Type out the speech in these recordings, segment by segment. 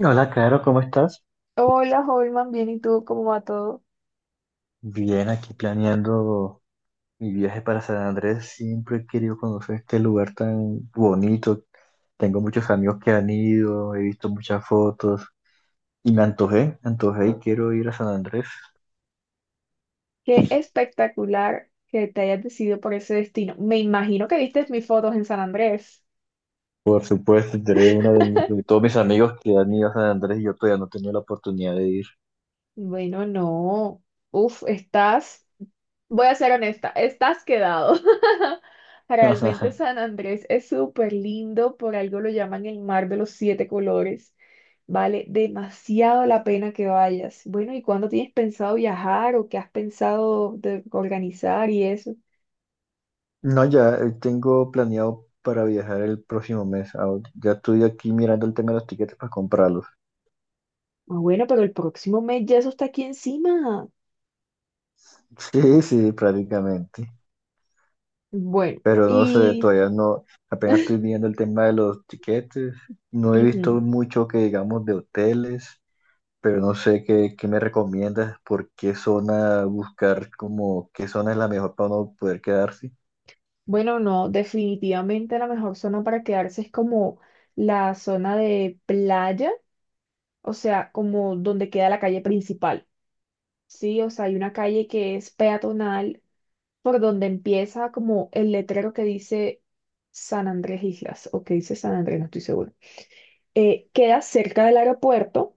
Hola, Caro, ¿cómo estás? Hola, Holman, bien, ¿y tú cómo va todo? Bien, aquí planeando mi viaje para San Andrés. Siempre he querido conocer este lugar tan bonito. Tengo muchos amigos que han ido, he visto muchas fotos y me antojé y quiero ir a San Andrés. Qué espectacular que te hayas decidido por ese destino. Me imagino que viste mis fotos en San Andrés. Por supuesto, tú eres de todos mis amigos que han ido a San Andrés y yo todavía no he tenido la oportunidad de ir. Bueno, no. Uf, estás, voy a ser honesta, estás quedado. Realmente San Andrés es súper lindo, por algo lo llaman el mar de los siete colores. Vale demasiado la pena que vayas. Bueno, ¿y cuándo tienes pensado viajar o qué has pensado de organizar y eso? No, ya tengo planeado para viajar el próximo mes. Ya estoy aquí mirando el tema de los tiquetes para comprarlos. Ah, bueno, pero el próximo mes ya eso está aquí encima. Sí, sí, prácticamente. Bueno, Pero no sé, y todavía no, apenas estoy viendo el tema de los tiquetes. No he visto ujú, mucho que digamos de hoteles, pero no sé qué me recomiendas, por qué zona buscar, como qué zona es la mejor para uno poder quedarse. bueno, no, definitivamente la mejor zona para quedarse es como la zona de playa, o sea, como donde queda la calle principal. Sí, o sea, hay una calle que es peatonal por donde empieza como el letrero que dice San Andrés Islas, o que dice San Andrés, no estoy seguro. Queda cerca del aeropuerto.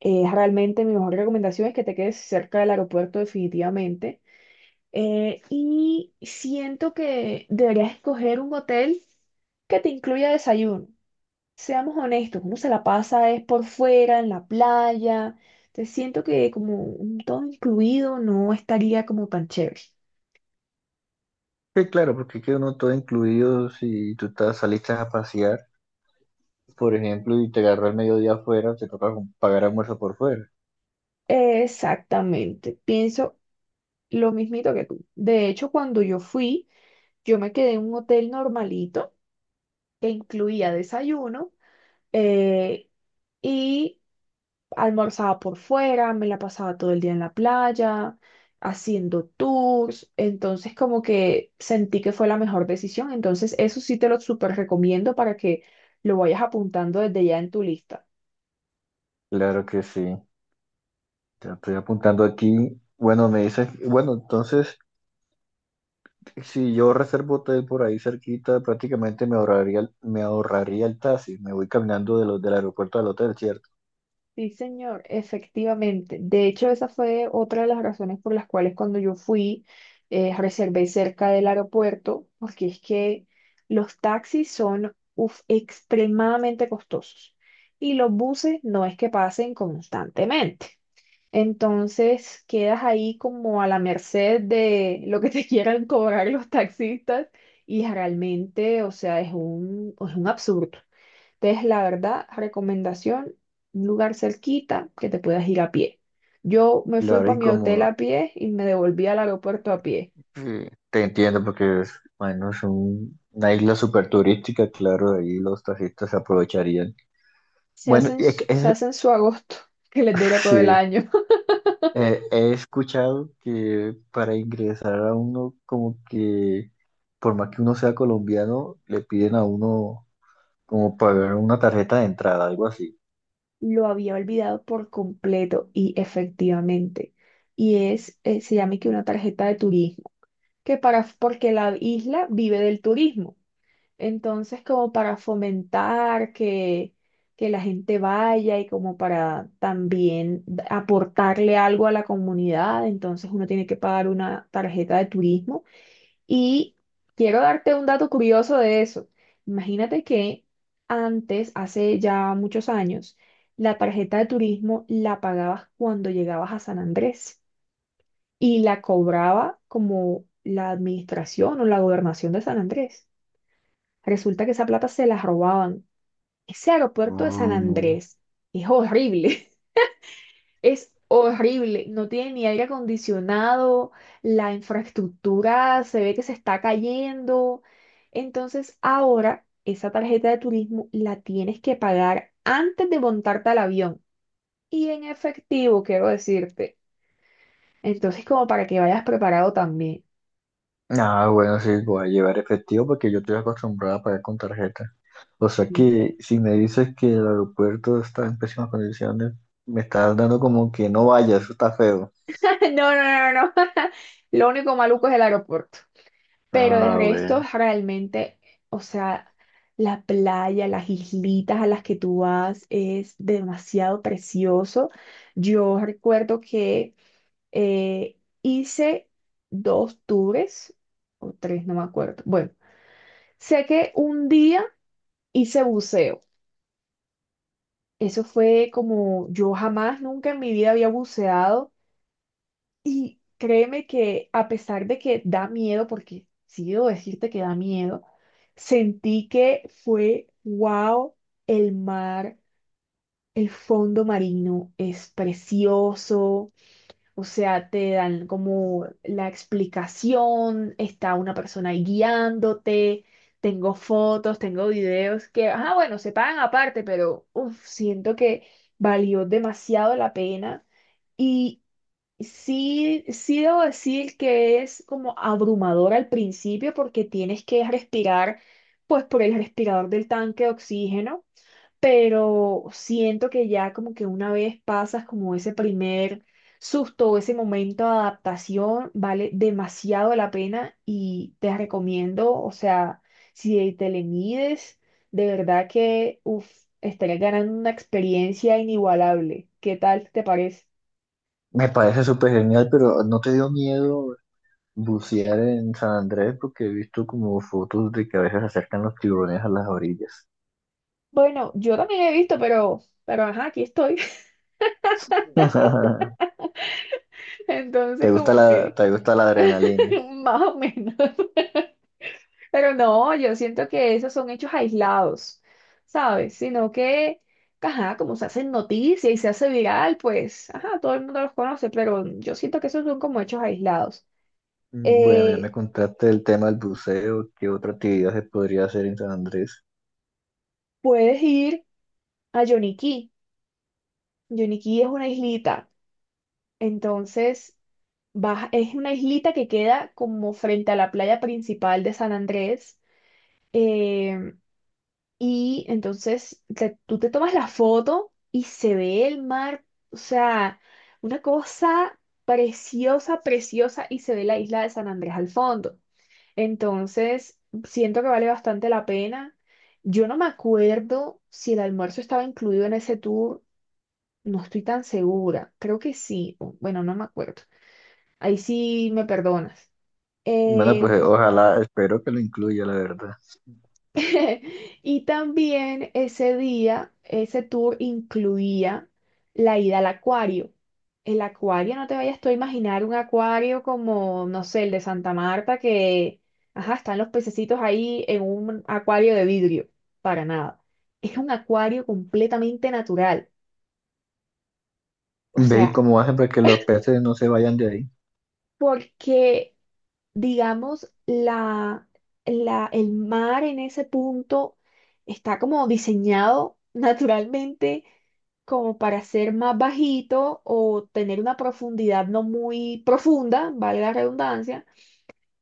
Realmente mi mejor recomendación es que te quedes cerca del aeropuerto definitivamente. Y siento que deberías escoger un hotel que te incluya desayuno. Seamos honestos, uno se la pasa es por fuera, en la playa. Te siento que como un todo incluido no estaría como tan chévere. Que claro, porque queda uno todo incluido si tú estás, saliste a pasear, por ejemplo, y te agarró el mediodía afuera, te toca pagar almuerzo por fuera. Exactamente, pienso lo mismito que tú. De hecho, cuando yo fui, yo me quedé en un hotel normalito que incluía desayuno eh, y almorzaba por fuera, me la pasaba todo el día en la playa, haciendo tours, entonces como que sentí que fue la mejor decisión, entonces eso sí te lo súper recomiendo para que lo vayas apuntando desde ya en tu lista. Claro que sí, te lo estoy apuntando aquí. Bueno, me dices, bueno, entonces. Si yo reservo hotel por ahí cerquita, prácticamente me ahorraría el taxi. Me voy caminando de los del aeropuerto al hotel, ¿cierto? Sí, señor, efectivamente. De hecho, esa fue otra de las razones por las cuales cuando yo fui, reservé cerca del aeropuerto, porque es que los taxis son uf, extremadamente costosos y los buses no es que pasen constantemente. Entonces, quedas ahí como a la merced de lo que te quieran cobrar los taxistas y realmente, o sea, es un absurdo. Entonces, la verdad, recomendación, un lugar cerquita que te puedas ir a pie. Yo me fui Claro, para y mi hotel como a pie y me devolví al aeropuerto a pie. Te entiendo, porque es, bueno, una isla súper turística, claro, ahí los taxistas se aprovecharían. Se Bueno, hacen, se hacen su agosto, que les dura todo el sí, año. He escuchado que para ingresar a uno, como que por más que uno sea colombiano, le piden a uno como pagar una tarjeta de entrada, algo así. Lo había olvidado por completo y efectivamente. Y es, se llama que una tarjeta de turismo, que para, porque la isla vive del turismo. Entonces, como para fomentar que la gente vaya y como para también aportarle algo a la comunidad, entonces uno tiene que pagar una tarjeta de turismo. Y quiero darte un dato curioso de eso. Imagínate que antes, hace ya muchos años, la tarjeta de turismo la pagabas cuando llegabas a San Andrés y la cobraba como la administración o la gobernación de San Andrés. Resulta que esa plata se la robaban. Ese aeropuerto de San Uh, Andrés es horrible, es horrible, no tiene ni aire acondicionado, la infraestructura se ve que se está cayendo. Entonces ahora esa tarjeta de turismo la tienes que pagar antes de montarte al avión y en efectivo, quiero decirte. Entonces como para que vayas preparado también. Ah, bueno, sí, voy a llevar efectivo porque yo estoy acostumbrado a pagar con tarjeta. O sea que si me dices que el aeropuerto está en pésimas condiciones, me estás dando como que no vaya, eso está feo. No, no, no, no. Lo único maluco es el aeropuerto. Pero de Ah, resto, bueno. realmente, o sea, la playa, las islitas a las que tú vas es demasiado precioso. Yo recuerdo que hice dos tours, o tres, no me acuerdo. Bueno, sé que un día hice buceo. Eso fue como yo jamás, nunca en mi vida había buceado. Y créeme que a pesar de que da miedo, porque sí debo decirte que da miedo, sentí que fue, wow, el mar, el fondo marino es precioso, o sea, te dan como la explicación, está una persona ahí guiándote, tengo fotos, tengo videos que, ah, bueno, se pagan aparte, pero uf, siento que valió demasiado la pena. y Sí, sí debo decir que es como abrumador al principio porque tienes que respirar pues por el respirador del tanque de oxígeno, pero siento que ya como que una vez pasas como ese primer susto o ese momento de adaptación, vale demasiado la pena y te recomiendo, o sea, si te le mides, de verdad que uf, estarías ganando una experiencia inigualable. ¿Qué tal te parece? Me parece súper genial, pero ¿no te dio miedo bucear en San Andrés? Porque he visto como fotos de que a veces acercan los tiburones a las orillas. Bueno, yo también he visto, pero ajá, aquí estoy. Entonces, ¿Te gusta como la, que te gusta la adrenalina? más o menos. Pero no, yo siento que esos son hechos aislados, ¿sabes? Sino que, ajá, como se hacen noticia y se hace viral, pues, ajá, todo el mundo los conoce, pero yo siento que esos son como hechos aislados. Mm, bueno, ya me Eh, contaste el tema del buceo. ¿Qué otra actividad se podría hacer en San Andrés? Puedes ir a Yoniquí. Yoniquí es una islita. Entonces, vas, es una islita que queda como frente a la playa principal de San Andrés. Em, y entonces tú te tomas la foto y se ve el mar, o sea, una cosa preciosa, preciosa, y se ve la isla de San Andrés al fondo. Entonces, siento que vale bastante la pena. Yo no me acuerdo si el almuerzo estaba incluido en ese tour, no estoy tan segura, creo que sí, bueno, no me acuerdo. Ahí sí me perdonas. Bueno, pues Em, ojalá, espero que lo incluya, la verdad. Y también ese día, ese tour incluía la ida al acuario. El acuario, no te vayas tú a imaginar un acuario como, no sé, el de Santa Marta, que, ajá, están los pececitos ahí en un acuario de vidrio. Para nada. Es un acuario completamente natural. O Ve y sea, cómo hacen para que los peces no se vayan de ahí. porque digamos, el mar en ese punto está como diseñado naturalmente como para ser más bajito o tener una profundidad no muy profunda, valga la redundancia.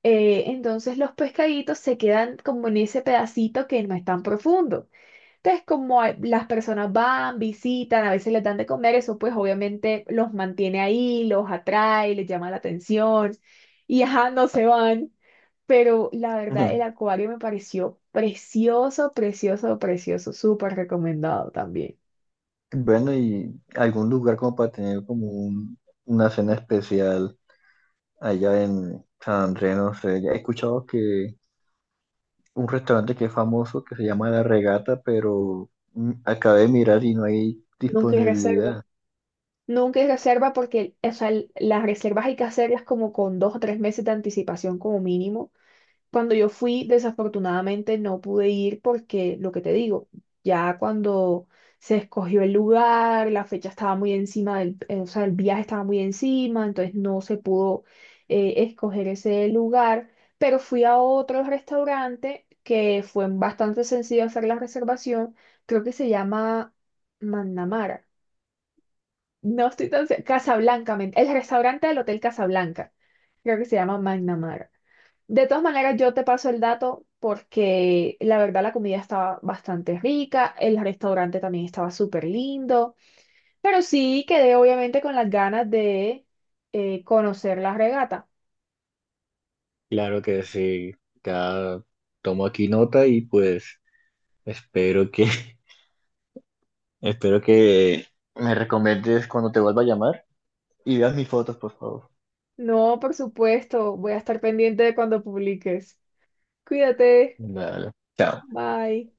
Entonces los pescaditos se quedan como en ese pedacito que no es tan profundo. Entonces, las personas van, visitan, a veces les dan de comer, eso pues obviamente los mantiene ahí, los atrae, les llama la atención y ajá, no se van. Pero la verdad, el Ujú. acuario me pareció precioso, precioso, precioso. Súper recomendado también. Bueno, y algún lugar como para tener como una cena especial allá en San Andrés, no sé. Ya he escuchado que un restaurante que es famoso que se llama La Regata, pero mm, acabé de mirar y no hay Nunca hay reserva. disponibilidad. Nunca hay reserva porque, o sea, las reservas hay que hacerlas como con dos o tres meses de anticipación como mínimo. Cuando yo fui, desafortunadamente no pude ir porque, lo que te digo, ya cuando se escogió el lugar, la fecha estaba muy encima o sea, el viaje estaba muy encima, entonces no se pudo escoger ese lugar, pero fui a otro restaurante que fue bastante sencillo hacer la reservación, creo que se llama Mandamara. No estoy tan... Casablanca, el restaurante del Hotel Casablanca. Creo que se llama Magnamara. De todas maneras, yo te paso el dato porque la verdad la comida estaba bastante rica, el restaurante también estaba súper lindo, pero sí quedé obviamente con las ganas de conocer la regata. Claro que sí, ya tomo aquí nota y pues espero que, espero que ¿me recomiendes cuando te vuelva a llamar? Y veas mis fotos, por favor. No, por supuesto, voy a estar pendiente de cuando publiques. Cuídate, Dale. Chao. bye.